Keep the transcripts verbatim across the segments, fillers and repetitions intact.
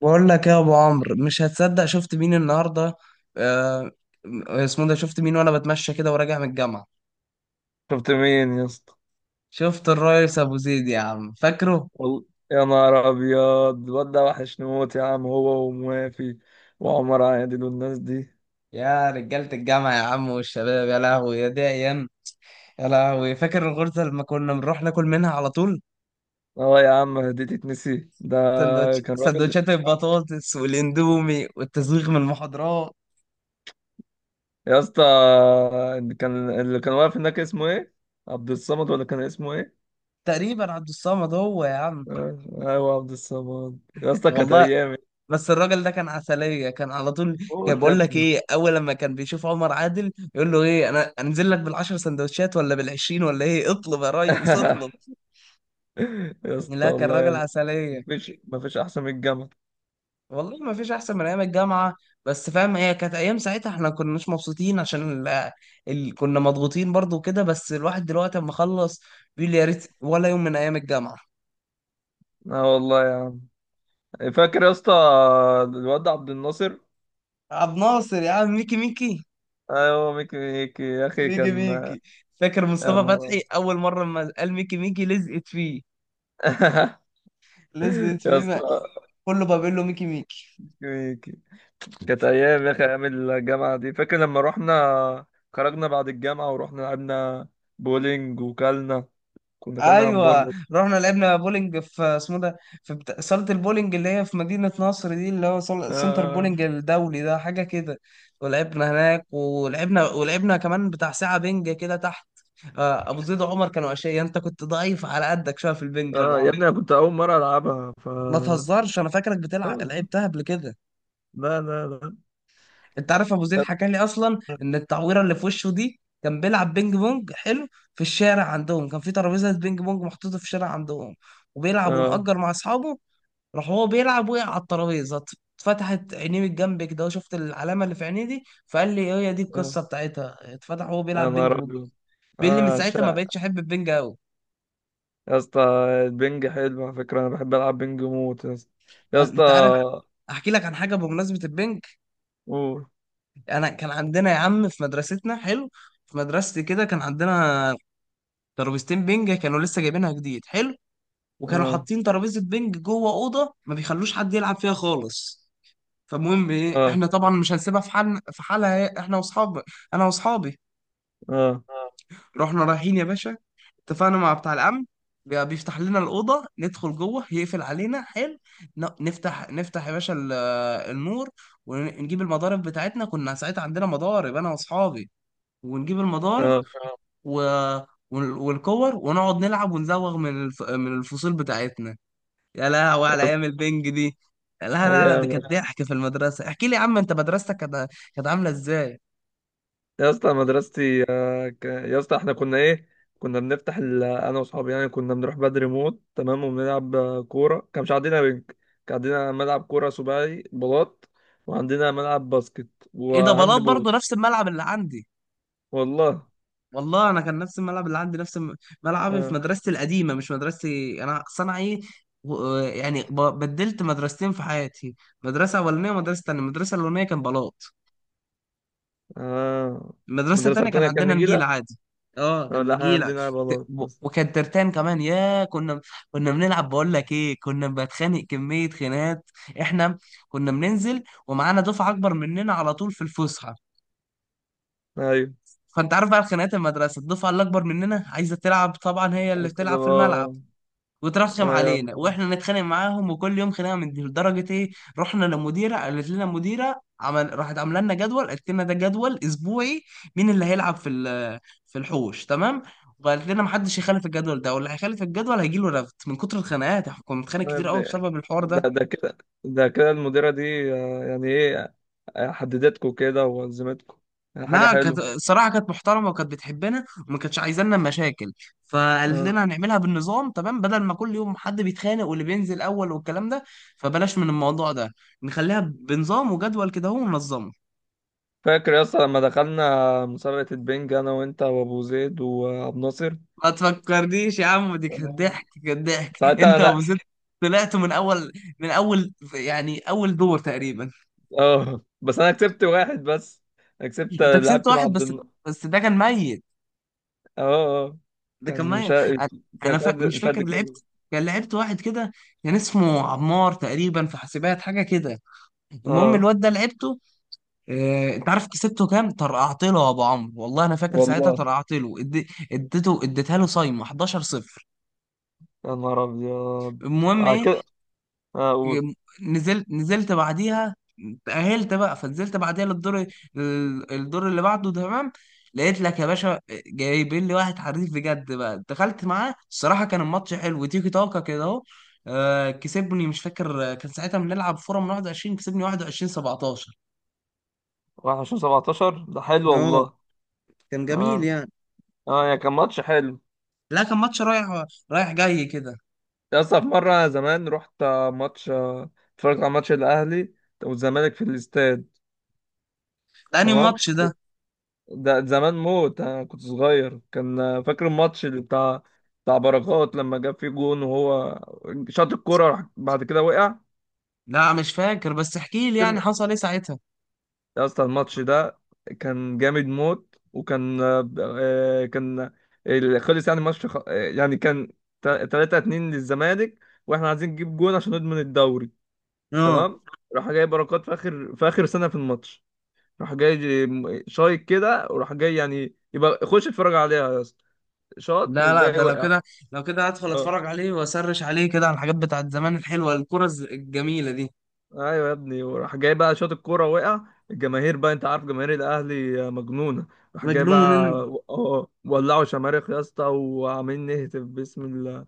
بقول لك إيه يا ابو عمرو، مش هتصدق شفت مين النهارده. آه، اسمه ده، شفت مين وانا بتمشى كده وراجع من الجامعه. شفت مين يا اسطى؟ شفت الريس ابو زيد يا عم فاكره. والله. يا نهار ابيض، الواد ده وحش نموت يا عم، هو وموافي وعمر عادل والناس دي. يا رجاله الجامعه يا عم والشباب، يا لهوي يا دي ايام. يا لهوي فاكر الغرزه لما كنا بنروح ناكل منها على طول. اه يا عم، دي تتنسي ده؟ سندوتش كان راجل سندوتشات البطاطس والاندومي والتزويغ من المحاضرات. يا اسطى. كان اللي كان واقف هناك اسمه ايه؟ عبد الصمد ولا كان اسمه ايه؟ تقريبا عبد الصمد هو يا عم. آه، ايوه عبد الصمد، يا اسطى كانت والله ايام. بس الراجل ده كان عسلية، كان على طول كان موت يا بقول لك ابني. ايه، اول لما كان بيشوف عمر عادل يقول له ايه، انا انزل لك بالعشر سندوتشات ولا بالعشرين ولا ايه، اطلب يا ريس اطلب. يا اسطى لا كان والله راجل يا عسلية. مفيش مفيش احسن من الجامعه. والله ما فيش احسن من ايام الجامعة. بس فاهم، هي كانت ايام ساعتها احنا كناش مبسوطين عشان ال... ال... كنا مضغوطين برضو وكده، بس الواحد دلوقتي اما خلص بيقول يا ريت ولا يوم من ايام الجامعة. اه والله يا عم. فاكر يا اسطى؟ الواد عبد الناصر. عبد ناصر يا عم، ميكي ميكي. ايوه ميكي ميكي يا اخي ميكي كان. ميكي. فاكر يا مصطفى نهار فتحي أبيض. اول مرة لما قال ميكي ميكي لزقت فيه. لسه يا في ما- اسطى. كله بابيلو ميكي ميكي. ميكي ميكي. كانت ايام يا اخي، ايام الجامعه دي. فاكر لما رحنا خرجنا بعد الجامعه ورحنا لعبنا بولينج، وكلنا كنا كلنا ايوه همبرجر. رحنا لعبنا بولينج في اسمه ده، في بتا... صاله البولينج اللي هي في مدينه نصر دي، اللي هو صال- سنتر آه بولينج آه. الدولي ده حاجه كده. ولعبنا هناك ولعبنا، ولعبنا كمان بتاع ساعه بنج كده تحت. آه، ابو زيد وعمر كانوا اشياء، انت كنت ضعيف على قدك شويه في البنج يا ابو آه، يا عمرو. ابني انا كنت اول مره العبها. ف ما تهزرش، انا فاكرك بتلعب طيب، لعبتها قبل كده. لا لا لا. انت عارف ابو زيد حكى لي اصلا ان التعويره اللي في وشه دي، كان بيلعب بينج بونج حلو في الشارع عندهم، كان في ترابيزه بينج بونج محطوطه في الشارع عندهم، وبيلعب اه. ومأجر مع اصحابه. راح هو بيلعب وقع على الترابيزه، ات- اتفتحت عينيه من جنب كده، وشفت العلامه اللي في عينيه دي، فقال لي هي دي اه القصه بتاعتها، اتفتح وهو يا بيلعب بينج نهار بونج. ابيض. بيقول لي من اه ساعتها ما شا بقتش احب البينج قوي. يا اسطى. البنج حلو على فكره، انا بحب العب بنج موت يا اسطى. يا انت عارف اسطى احكي لك عن حاجه بمناسبه البنك. قول. انا كان عندنا يا عم في مدرستنا حلو، في مدرستي كده كان عندنا ترابيزتين بينج كانوا لسه جايبينها جديد حلو، وكانوا آه. حاطين ترابيزه بينج جوه اوضه ما بيخلوش حد يلعب فيها خالص. فالمهم ايه، اه. احنا طبعا مش هنسيبها في حال في حالها إيه، احنا واصحاب، انا واصحابي اه. رحنا رايحين يا باشا، اتفقنا مع بتاع الامن، بي- بيفتح لنا الاوضه ندخل جوه يقفل علينا حلو، ن- نفتح نفتح يا باشا ال- النور، ونجيب المضارب بتاعتنا، كنا ساعتها عندنا مضارب انا واصحابي، ونجيب المضارب اه و... وال- والكور ونقعد نلعب ونزوغ من الف... من الفصول بتاعتنا. يا لهوي يا على اسطى. ايام البنج دي. لا لا لا، دي أيام. كانت ضحك في المدرسه. احكي لي يا عم انت مدرستك كانت، كانت عامله ازاي. يا اسطى مدرستي، آه، ك- يا اسطى احنا كنا ايه؟ كنا بنفتح ال- انا واصحابي يعني كنا بنروح بدري موت تمام، وبنلعب آه، كوره. كان مش عندنا بنك. كان عندنا ملعب كوره سباعي بلاط، وعندنا ملعب باسكت ايه ده وهاند بلاط بول. برضه نفس الملعب اللي عندي؟ والله. والله انا كان نفس الملعب اللي عندي، نفس الم- ملعبي في اه. مدرستي القديمه، مش مدرستي انا صنع ايه، و- يعني ب- بدلت مدرستين في حياتي، مدرسه اولانيه ومدرسه تانيه. المدرسه الاولانيه كان بلاط، اه المدرسة المدرسه التانية كان التانيه كان عندنا نجيلة نجيله. عادي. اه آه، كان لا احنا نجيلة. عندنا ت- بلاط و- بس. وكان ترتان كمان، يا كنا كنا بنلعب بقول لك ايه، كنا بنتخانق كمية خناقات احنا. كنا بننزل ومعانا دفعة أكبر مننا على طول في الفسحة، ايوه فأنت عارف بقى خناقات المدرسة، الدفعة اللي أكبر مننا عايزة تلعب طبعا هي اللي بس ده. بتلعب في الملعب، آه، وترشم ايوه. آه، علينا واحنا نتخانق معاهم، وكل يوم خناقه من دي لدرجه ايه، رحنا لمديره، قالت لنا مديره عمل، راحت عامله لنا جدول، قالت لنا ده جدول اسبوعي مين اللي هيلعب في ال- في الحوش تمام، وقالت لنا محدش يخالف الجدول ده، واللي هيخالف الجدول هيجي له رفد. من كتر الخناقات احنا كنا بنتخانق يا كتير قوي ابني. بسبب الحوار ده ده. ده كده. ده كده المديره دي، آه، يعني ايه؟ حددتكم كده وانظمتكم، يعني حاجه لا كانت حلوه. الصراحه كانت محترمه وكانت بتحبنا وما كانتش عايزانا مشاكل، فقالت آه. لنا هنعملها بالنظام تمام، بدل ما كل يوم حد بيتخانق واللي بينزل اول والكلام ده، فبلاش من الموضوع ده، نخليها بنظام وجدول كده اهو وننظمه. فاكر يا اسطى لما دخلنا مسابقه البنج انا وانت وابو زيد وابو ناصر؟ ما تفكرنيش يا عم، دي كانت تمام. ضحك كانت ضحك، ساعتها انت انا لا. وزيد طلعت من اول، من اول يعني اول دور تقريبا. اه بس انا كسبت واحد بس. انا كسبت، انت كسبت لعبت مع واحد عبد بس، الن- بس ده كان ميت، اه. اه ده كان كان مش معايا. ه- كان انا مش فا... قد مش مش قد فاكر كده. لعبت، كان لعبت واحد كده، كان اسمه عمار تقريبا في حاسبات حاجه كده. المهم اه الواد ده لعبته، آه... انت عارف كسبته كام؟ طرقعت له يا ابو عمرو، والله انا فاكر ساعتها والله. طرقعت له ادي... اديته اديتها له صايمه حداشر صفر. يا نهار ابيض. المهم آه ايه، كده. اه قول. نزلت نزلت بعديها، تأهلت بقى فنزلت بعديها للدور، ال- الدور اللي بعده تمام. لقيت لك يا باشا جايبين لي واحد حريف بجد، بقى دخلت معاه الصراحة كان الماتش حلو، تيكي تاكا كده اهو، آه، كسبني مش فاكر، آه، كان ساعتها بنلعب فورة من واحد وعشرين كسبني واحد وعشرين سبعة عشر. واحد وعشرين سبعتاشر ده حلو اه والله. كان جميل اه. يعني. اه يا كان ماتش حلو. لا كان ماتش رايح رايح جاي كده. يا اسطى، في مرة زمان رحت ماتش، اتفرجت على ماتش الأهلي والزمالك في الاستاد. ده انهي تمام. ماتش ده؟ ده ده زمان موت، أنا كنت صغير. كان فاكر الماتش اللي بتاع بتاع بركات لما جاب فيه جون، وهو شاط الكورة راح بعد كده وقع. لا مش فاكر، بس احكي لي يعني كان- حصل ايه ساعتها. يا اسطى الماتش ده كان جامد موت، وكان آه، كان ال- خلص يعني الماتش خ- يعني كان ثلاثة اثنين للزمالك، واحنا عايزين نجيب جون عشان نضمن الدوري. اه. تمام. راح جاي بركات في اخر في اخر سنه في الماتش. راح جاي ج- شايط كده، وراح جاي يعني يبقى خش اتفرج عليها يا اسطى. شاط لا لا، وجاي ده لو وقع. كده، لو كده هدخل اه اتفرج عليه واسرش عليه كده على الحاجات بتاعت زمان الحلوه، الكره الز- الجميله دي. ايوه يا ابني، وراح جاي بقى شاط الكوره وقع. الجماهير بقى، انت عارف جماهير الاهلي مجنونه. راح جاي مجنون. بقى إن- اه، ولعوا شماريخ يا اسطى، وعاملين نهتف باسم ال...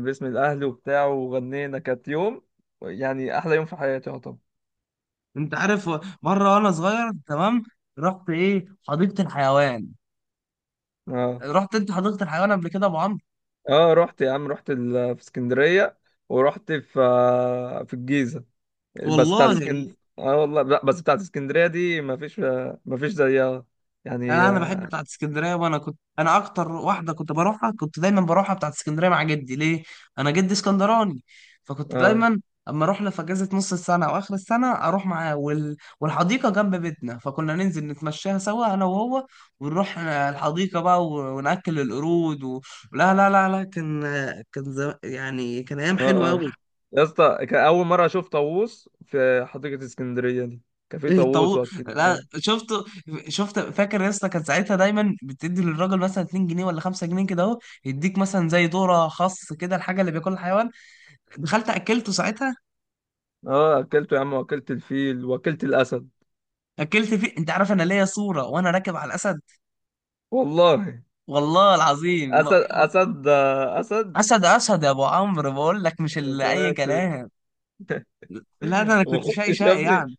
باسم الاهلي وبتاع، وغنينا. كانت يوم، يعني احلى يوم في حياتي. اه طبعا. انت عارف و- مره وانا صغير تمام رحت ايه حديقه الحيوان. اه. رحت انت حديقه الحيوان قبل كده يا ابو عمرو؟ اه رحت يا عم. رحت ال- في اسكندريه، ورحت في آه، في الجيزه. بس بتاعت والله. اسكندريه. إيه. اه والله، لا بس بتاعت اسكندريه دي ما فيش ما فيش زيها انا يعني. انا بحب اه. بتاعت اسكندريه، وانا كنت انا اكتر واحده كنت بروحها، كنت دايما بروحها بتاعت اسكندريه مع جدي ليه، انا جدي اسكندراني، فكنت اه. دايما اما اروح له في اجازه نص السنه او اخر السنه اروح معاه وال... والحديقه جنب بيتنا، فكنا ننزل نتمشاها سوا انا وهو ونروح الحديقه بقى و... وناكل القرود و... لا لا لا لا، كان كان زم... يعني كان ايام حلوه اه قوي. يا اسطى، كان اول مره اشوف طاووس في حديقه اسكندريه دي. كان في ايه طاووس، طاووس؟ لا واكلت. شفت، شفت فاكر يا اسطى، كان ساعتها دايما بتدي للراجل مثلا اتنين جنيه ولا خمسة جنيه كده اهو، يديك مثلا زي دوره خاص كده الحاجه اللي بياكلها الحيوان، دخلت اكلته ساعتها. اه اكلته يا عم، واكلت الفيل، واكلت الاسد. اكلت فيه، انت عارف انا ليا صوره وانا راكب على الاسد. والله. والله العظيم اسد. ما- اسد. اسد. اسد، اسد، يا ابو عمرو، بقول لك مش يا اللي اي ساتر. كلام. لا ده انا ما كنت شقي خفتش يا شقي ابني؟ يعني.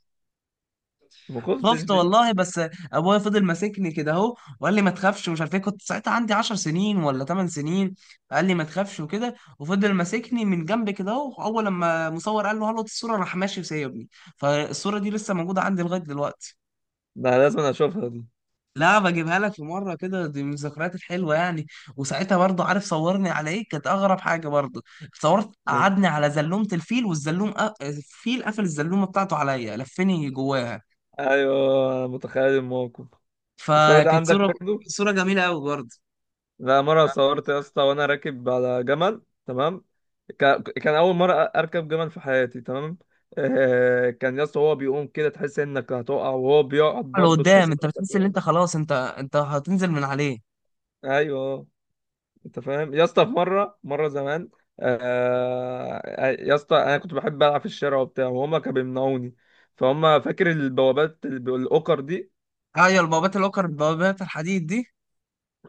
ما خفتش خفت دي. والله بس ابويا فضل ماسكني كده اهو وقال لي ما تخافش ومش عارف ايه، كنت ساعتها عندي 10 سنين ولا 8 سنين. قال لي ما تخافش وكده وفضل ماسكني من جنب كده اهو، اول لما مصور قال له هلط الصوره راح ماشي وسايبني. فالصوره دي لسه موجوده عندي لغايه دلوقتي. ده لازم اشوفها دي. لا بجيبها لك في مره كده، دي من الذكريات الحلوه يعني. وساعتها برضه عارف صورني على ايه؟ كانت اغرب حاجه برضه، صورت قعدني على زلومه الفيل، والزلوم أ... الفيل قفل الزلومه بتاعته عليا لفني جواها، ايوه أنا متخيل الموقف. الصورة دي فكانت عندك صوره، برضو؟ صوره جميله قوي برضه. لا مرة صورت يا اسطى وانا راكب على جمل، تمام؟ ك- كان اول مرة اركب جمل في حياتي تمام. آه، كان يا اسطى هو بيقوم كده تحس انك هتقع، وهو بيقعد برضه تحس لقدام، انت انك بتحس ان هتقع. انت خلاص انت انت هتنزل من عليه. ايوه. انت فاهم يا اسطى؟ في مرة مرة زمان، آه، يا اسطى انا كنت بحب العب في الشارع وبتاع، وهما كانوا بيمنعوني. فهم فاكر البوابات الب- الاوكر دي. ايوه البوابات الأوكر، البوابات الحديد دي.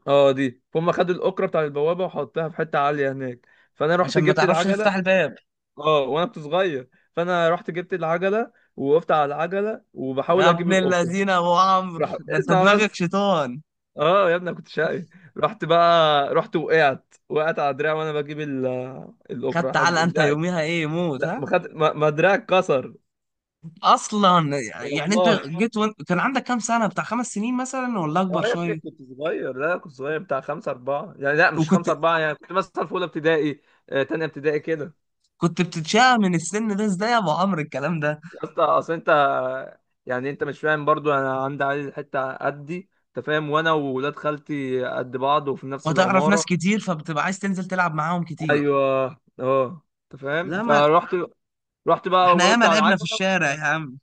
اه دي فهم خدوا الاوكرة بتاع البوابة وحطها في حتة عالية هناك. فانا رحت عشان ما جبت تعرفش العجلة. تفتح الباب. اه وانا كنت صغير، فانا رحت جبت العجلة ووقفت على العجلة يا وبحاول اجيب ابن الاوكرة. الذين يا ابو عمرو، راح ده انت اسمع دماغك بس. شيطان. اه يا ابني أنا كنت شقي. رحت بقى، رحت وقعت، وقعت على دراعي وانا بجيب ال... الاوكرة خدت حد على انت دراعي. يوميها ايه موت، لا ها؟ ما خد، ما ما دراعي اتكسر. اصلا، يعني انت والله. جيت وانت كان عندك كام سنه؟ بتاع خمس سنين مثلا ولا اكبر اه يا ابني شويه؟ كنت صغير. لا كنت صغير بتاع خمسة أربعة يعني، لا مش وكنت خمسة أربعة يعني، كنت مثلا في أولى ابتدائي، آه، تانية ابتدائي كده. كنت بتتشاء من السن ده ازاي يا ابو عمرو الكلام ده؟ يا اسطى اصل انت، يعني انت مش فاهم برضو؟ انا عندي عيل حته قدي، انت فاهم، وانا وولاد خالتي قد بعض وفي نفس فتعرف ناس العماره. كتير، فبتبقى عايز تنزل تلعب معاهم كتير. ايوه. اه. انت فاهم؟ لا ما فرحت، رحت بقى احنا ياما وقفت على لعبنا في العجله. الشارع يا عم،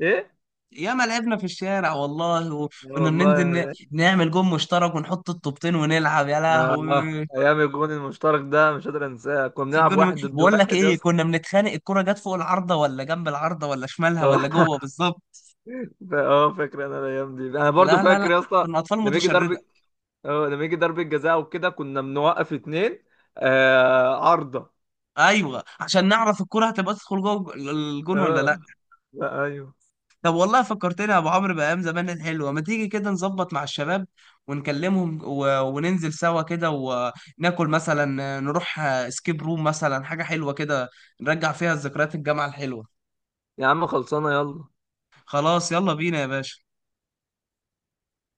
ايه. ياما لعبنا في الشارع والله. يا وكنا بننزل ن- والله. نعمل جون مشترك ونحط الطوبتين ونلعب، يا آه. لهوي. ايام الجون المشترك ده مش قادر انساه، كنا بنلعب كنا- واحد ضد بقول لك واحد يا ايه، اسطى. كنا بنتخانق الكرة جت فوق العارضة ولا جنب العارضة ولا شمالها ولا اه. جوه بالظبط. ف- اه فاكر انا الايام دي، انا برضو لا لا لا، فاكر يا اسطى. كنا اطفال لما يجي متشردة. ضرب. اه لما يجي ضرب الجزاء وكده كنا بنوقف اتنين آه عارضه. ايوه عشان نعرف الكرة هتبقى تدخل جوه الجون ولا لا. اه. لا ايوه. طب والله فكرتني يا ابو عمرو بايام زمان الحلوه، ما تيجي كده نظبط مع الشباب ونكلمهم و... وننزل سوا كده وناكل، مثلا نروح سكيب روم مثلا حاجه حلوه كده، نرجع فيها ذكريات الجامعه الحلوه. يا عم خلصانه. يلا. خلاص يلا بينا يا باشا.